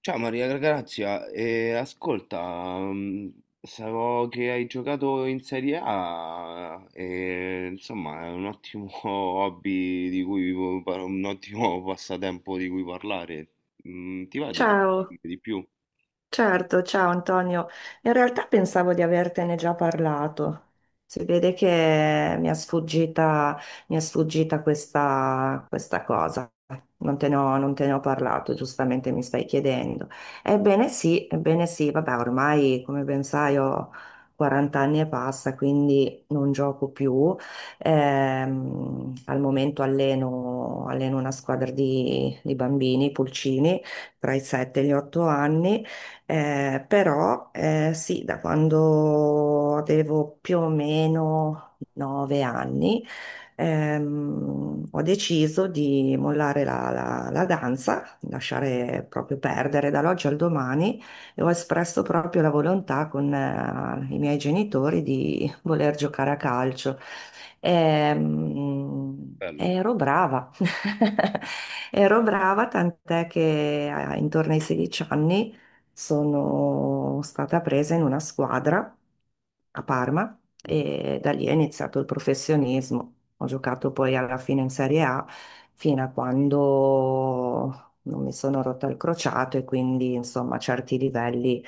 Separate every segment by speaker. Speaker 1: Ciao Maria Grazia, ascolta, so che hai giocato in Serie A e insomma è un ottimo hobby di cui, un ottimo passatempo di cui parlare. Ti va
Speaker 2: Ciao.
Speaker 1: di più?
Speaker 2: Certo, ciao Antonio. In realtà pensavo di avertene già parlato. Si vede che mi è sfuggita questa cosa. Non te ne ho parlato, giustamente mi stai chiedendo. Ebbene sì, vabbè, ormai come ben sai ho 40 anni e passa, quindi non gioco più. Al momento alleno una squadra di bambini, pulcini, tra i 7 e gli 8 anni. Però sì, da quando avevo più o meno 9 anni ho deciso di mollare la danza, lasciare proprio perdere dall'oggi al domani e ho espresso proprio la volontà con i miei genitori di voler giocare a calcio. Ehm,
Speaker 1: Bello,
Speaker 2: Ero brava, ero brava, tant'è che intorno ai 16 anni sono stata presa in una squadra a Parma e da lì è iniziato il professionismo. Ho giocato poi alla fine in Serie A fino a quando non mi sono rotta il crociato e quindi insomma certi livelli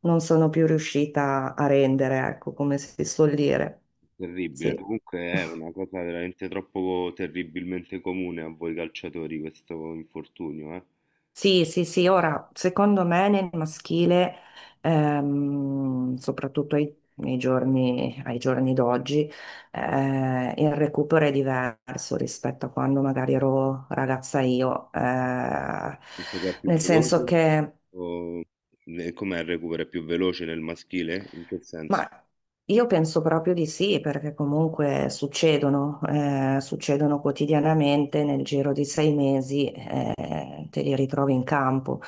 Speaker 2: non sono più riuscita a rendere, ecco come si suol dire.
Speaker 1: terribile.
Speaker 2: Sì.
Speaker 1: Comunque è una cosa veramente troppo terribilmente comune a voi calciatori questo infortunio, eh?
Speaker 2: Sì, sì, sì, ora secondo me nel maschile, soprattutto ai giorni d'oggi, il recupero è diverso rispetto a quando magari ero ragazza io. Eh,
Speaker 1: Penso che è più
Speaker 2: nel senso
Speaker 1: veloce
Speaker 2: che
Speaker 1: o... e com'è il recupero? È più veloce nel maschile? In che senso?
Speaker 2: ma io penso proprio di sì, perché comunque succedono, succedono quotidianamente, nel giro di 6 mesi te li ritrovi in campo.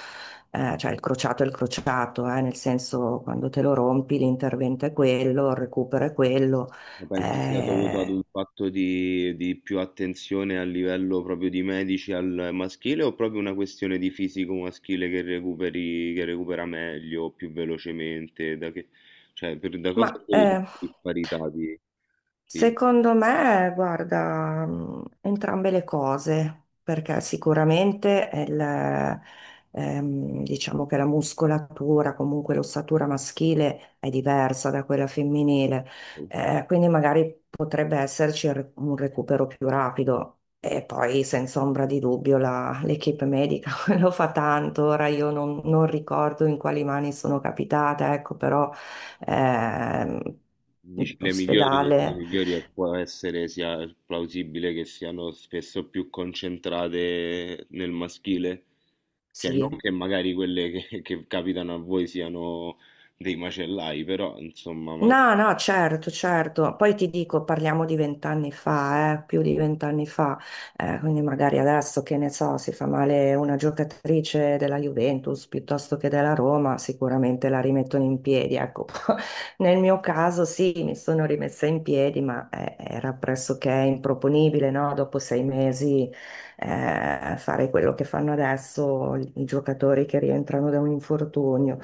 Speaker 2: Cioè il crociato è il crociato, nel senso quando te lo rompi l'intervento è quello, il recupero è quello.
Speaker 1: Ma pensi sia dovuto ad
Speaker 2: Eh,
Speaker 1: un fatto di più attenzione a livello proprio di medici al maschile o proprio una questione di fisico maschile che recuperi che recupera meglio, più velocemente? Da che, cioè, per da
Speaker 2: ma
Speaker 1: cosa è dovuta
Speaker 2: eh,
Speaker 1: questa disparità
Speaker 2: Secondo me, guarda, entrambe le cose, perché sicuramente diciamo che la muscolatura, comunque l'ossatura maschile è diversa da quella femminile, quindi magari potrebbe esserci un recupero più rapido.
Speaker 1: di
Speaker 2: E poi, senza ombra di dubbio, l'equipe medica lo fa tanto. Ora io non ricordo in quali mani sono capitata, ecco, però eh,
Speaker 1: Dici, le
Speaker 2: ospedale,
Speaker 1: migliori può essere sia plausibile che siano spesso più concentrate nel maschile, cioè non
Speaker 2: sì.
Speaker 1: che magari quelle che capitano a voi siano dei macellai, però insomma, magari-
Speaker 2: No, no, certo, certo. Poi ti dico, parliamo di 20 anni fa, più di 20 anni fa. Quindi magari adesso che ne so, si fa male una giocatrice della Juventus piuttosto che della Roma, sicuramente la rimettono in piedi. Ecco, nel mio caso sì, mi sono rimessa in piedi, ma era pressoché improponibile, no? Dopo 6 mesi fare quello che fanno adesso i giocatori che rientrano da un infortunio.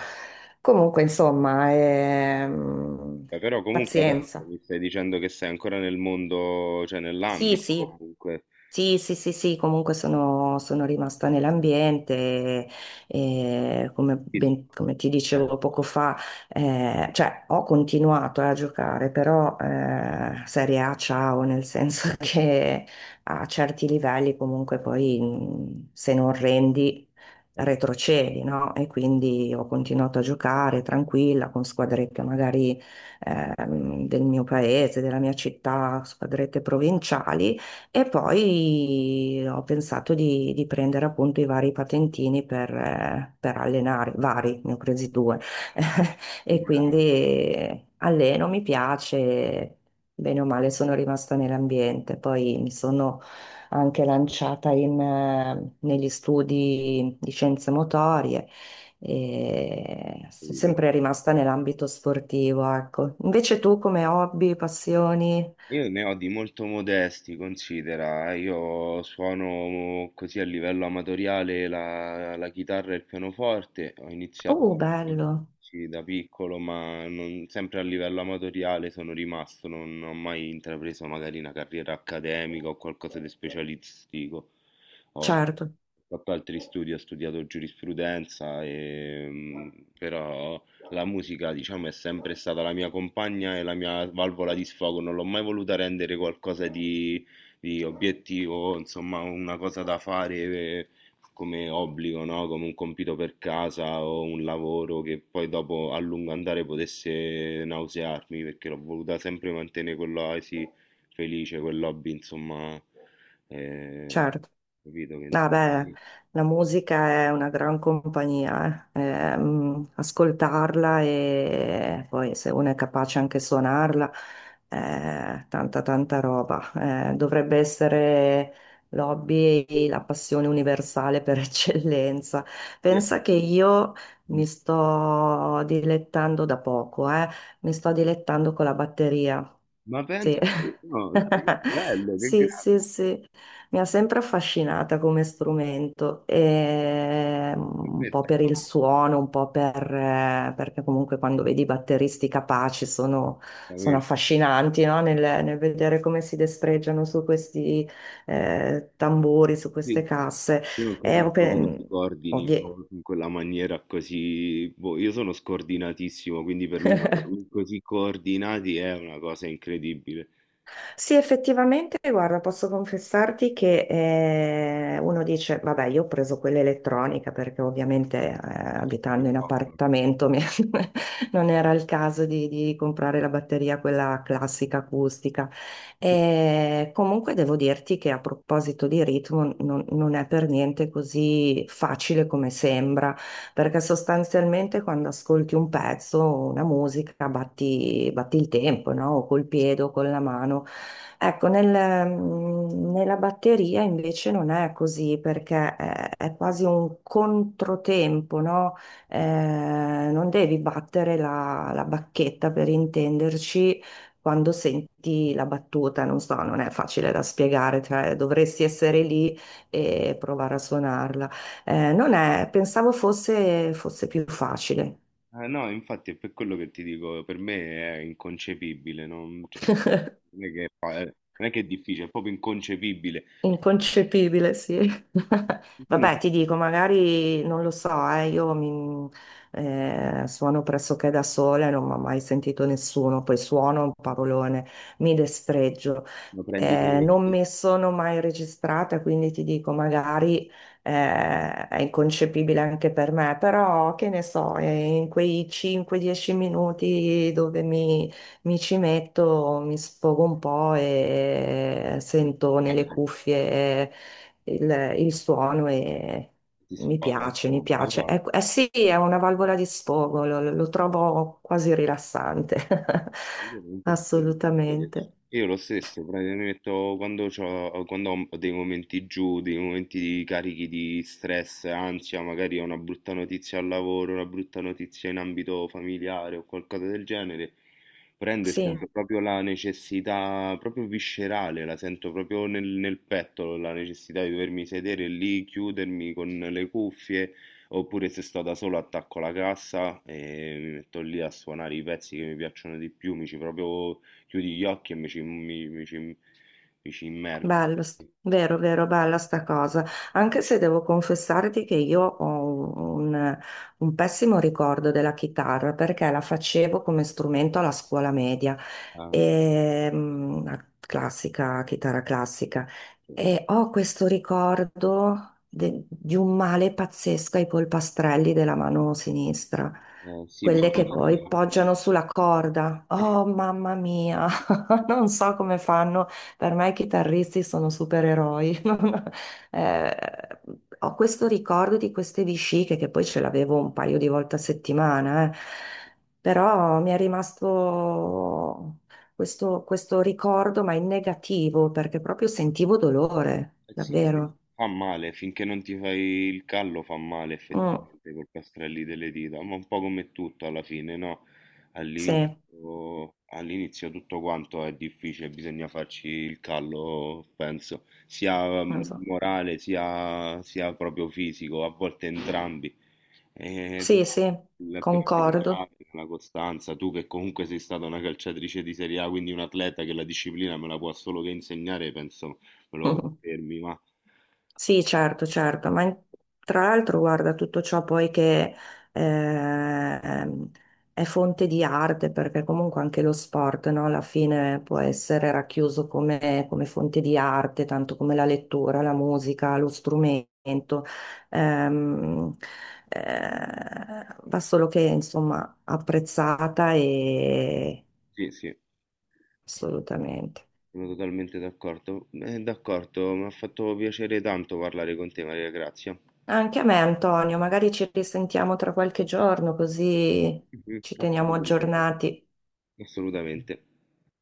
Speaker 2: Comunque, insomma,
Speaker 1: Beh, però comunque adesso
Speaker 2: pazienza.
Speaker 1: mi stai dicendo che sei ancora nel mondo, cioè
Speaker 2: Sì,
Speaker 1: nell'ambito
Speaker 2: sì.
Speaker 1: comunque.
Speaker 2: Sì, sì, sì, sì, comunque sono, sono rimasta nell'ambiente e
Speaker 1: Sì, sì.
Speaker 2: come ti
Speaker 1: Eh,
Speaker 2: dicevo poco fa, cioè ho continuato a giocare, però Serie A ciao, nel senso che a certi livelli comunque poi se non rendi
Speaker 1: è
Speaker 2: retrocedi, no? E quindi ho continuato a giocare tranquilla con squadrette magari del mio paese, della mia città, squadrette provinciali. E poi ho pensato di prendere appunto i vari patentini per allenare, vari, ne ho presi due. E
Speaker 1: disciplinare,
Speaker 2: quindi alleno, mi piace, bene o male sono rimasta nell'ambiente. Poi mi sono anche lanciata in, negli studi di scienze motorie e sono
Speaker 1: capito?
Speaker 2: sempre rimasta nell'ambito sportivo, ecco. Invece tu come hobby, passioni?
Speaker 1: Io ne ho di molto modesti, considera, eh. Io suono così a livello amatoriale la chitarra e il pianoforte, ho iniziato
Speaker 2: Oh, bello,
Speaker 1: sì, da piccolo, ma non- sempre a livello amatoriale sono rimasto, non ho mai intrapreso magari una carriera accademica o qualcosa di specialistico. Ho
Speaker 2: certo.
Speaker 1: fatto altri studi, ho studiato giurisprudenza, e, però la musica, diciamo, è sempre stata la mia compagna e la mia valvola di sfogo, non l'ho mai voluta rendere qualcosa di obiettivo, insomma, una cosa da fare come obbligo, no? Come un compito per casa o un lavoro che poi dopo a lungo andare potesse nausearmi, perché l'ho voluta sempre mantenere quell'oasi felice, quell'hobby, insomma, eh,
Speaker 2: Certo,
Speaker 1: capito che...
Speaker 2: vabbè, la musica è una gran compagnia, eh. Ascoltarla e poi se uno è capace anche suonarla, tanta tanta roba. Dovrebbe essere l'hobby e la passione universale per eccellenza. Pensa che io mi sto dilettando da poco, eh. Mi sto dilettando con la batteria.
Speaker 1: Ma
Speaker 2: Sì.
Speaker 1: pensa, no, dai, che bello, che
Speaker 2: Sì,
Speaker 1: grande.
Speaker 2: sì, sì, mi ha sempre affascinata come strumento, e, mm,
Speaker 1: Per me
Speaker 2: un
Speaker 1: è
Speaker 2: po' per il
Speaker 1: tanto,
Speaker 2: suono, un po' per, perché comunque quando vedi i batteristi capaci sono
Speaker 1: veramente-
Speaker 2: affascinanti, no? Nel vedere come si destreggiano su questi tamburi, su
Speaker 1: Sì,
Speaker 2: queste casse.
Speaker 1: io non
Speaker 2: E,
Speaker 1: capisco come
Speaker 2: ov-
Speaker 1: si
Speaker 2: ovvie-
Speaker 1: coordinino in quella maniera così. Boh, io sono scordinatissimo, quindi per me dormire così coordinati è una cosa incredibile.
Speaker 2: Sì, effettivamente, guarda, posso confessarti che uno dice, vabbè, io ho preso quella elettronica perché ovviamente abitando in appartamento mi- non era il caso di comprare la batteria, quella classica acustica. E comunque devo dirti che a proposito di ritmo non è per niente così facile come sembra perché sostanzialmente quando ascolti un pezzo, una musica, batti, batti il tempo, no? O col piede o con la mano. Ecco, nella batteria invece non è così perché è quasi un controtempo, no? Eh, non devi battere la bacchetta per intenderci quando senti la battuta, non so, non è facile da spiegare, cioè dovresti essere lì e provare a suonarla. Non è, fosse più facile.
Speaker 1: No, infatti è per quello che ti dico, per me è inconcepibile, non, cioè, non è che, fa- non è che è difficile, è proprio inconcepibile.
Speaker 2: Inconcepibile, sì.
Speaker 1: Solo
Speaker 2: Vabbè,
Speaker 1: se
Speaker 2: ti dico, magari non lo so, suono pressoché da sola, non mi ha mai sentito nessuno, poi suono un parolone, mi destreggio.
Speaker 1: lo prendi
Speaker 2: Non mi sono mai registrata, quindi ti dico, magari è inconcepibile anche per me, però che ne so, in quei 5-10 minuti dove mi ci metto, mi sfogo un po' e
Speaker 1: eh,
Speaker 2: sento nelle cuffie il suono e
Speaker 1: ti
Speaker 2: mi
Speaker 1: sfoga,
Speaker 2: piace, mi
Speaker 1: insomma,
Speaker 2: piace.
Speaker 1: allora.
Speaker 2: È- eh sì, è una valvola di sfogo, lo trovo quasi rilassante,
Speaker 1: Io non posso crederci.
Speaker 2: assolutamente.
Speaker 1: Io lo stesso, praticamente mi metto quando, c'ho- quando ho dei momenti giù, dei momenti di carichi di stress, ansia, magari ho una brutta notizia al lavoro, una brutta notizia in ambito familiare o qualcosa del genere, prendo e
Speaker 2: Sì.
Speaker 1: sento proprio la necessità, proprio viscerale, la sento proprio nel petto, la necessità di dovermi sedere lì, chiudermi con le cuffie. Oppure se sto da solo attacco la cassa e mi metto lì a suonare i pezzi che mi piacciono di più, mi ci proprio chiudi gli occhi e mi ci immergo.
Speaker 2: Bello, vero, vero, bella sta cosa. Anche se devo confessarti che io ho un pessimo ricordo della chitarra perché la facevo come strumento alla scuola media,
Speaker 1: Ah,
Speaker 2: e, mm, la classica, chitarra classica.
Speaker 1: sì.
Speaker 2: E ho questo ricordo di un male pazzesco ai polpastrelli della mano sinistra,
Speaker 1: Eh, sì,
Speaker 2: quelle che poi poggiano sulla corda.
Speaker 1: ma...
Speaker 2: Oh, mamma mia, non so come fanno, per me i chitarristi sono supereroi. Eh, Ho questo ricordo di queste vesciche che poi ce l'avevo un paio di volte a settimana, eh. Però mi è rimasto questo ricordo, ma in negativo, perché proprio sentivo dolore,
Speaker 1: Eh sì, sì,
Speaker 2: davvero.
Speaker 1: fa male, finché non ti fai il callo fa male
Speaker 2: Mm,
Speaker 1: effettivamente col castrelli delle dita, ma un po' come tutto alla fine, no?
Speaker 2: sì,
Speaker 1: All'inizio tutto quanto è difficile, bisogna farci il callo, penso, sia
Speaker 2: non so.
Speaker 1: morale sia, sia proprio fisico, a volte entrambi. E tu-
Speaker 2: Sì, sì,
Speaker 1: il
Speaker 2: concordo.
Speaker 1: perseverare, la costanza, tu che comunque sei stata una calciatrice di Serie A, quindi un atleta che la disciplina me la può solo che insegnare, penso me lo confermi, ma
Speaker 2: Sì, certo, certo, tra l'altro guarda tutto ciò poi che ehm, è fonte di arte, perché comunque anche lo sport, no, alla fine può essere racchiuso come, come fonte di arte, tanto come la lettura, la musica, lo strumento. Ehm, Va solo che insomma apprezzata e
Speaker 1: sì, sì, sì,
Speaker 2: assolutamente.
Speaker 1: sono totalmente d'accordo. D'accordo, mi ha fatto piacere tanto parlare con te, Maria Grazia.
Speaker 2: Anche a me, Antonio, magari ci risentiamo tra qualche giorno, così
Speaker 1: Mhm,
Speaker 2: ci teniamo
Speaker 1: assolutamente,
Speaker 2: aggiornati.
Speaker 1: assolutamente.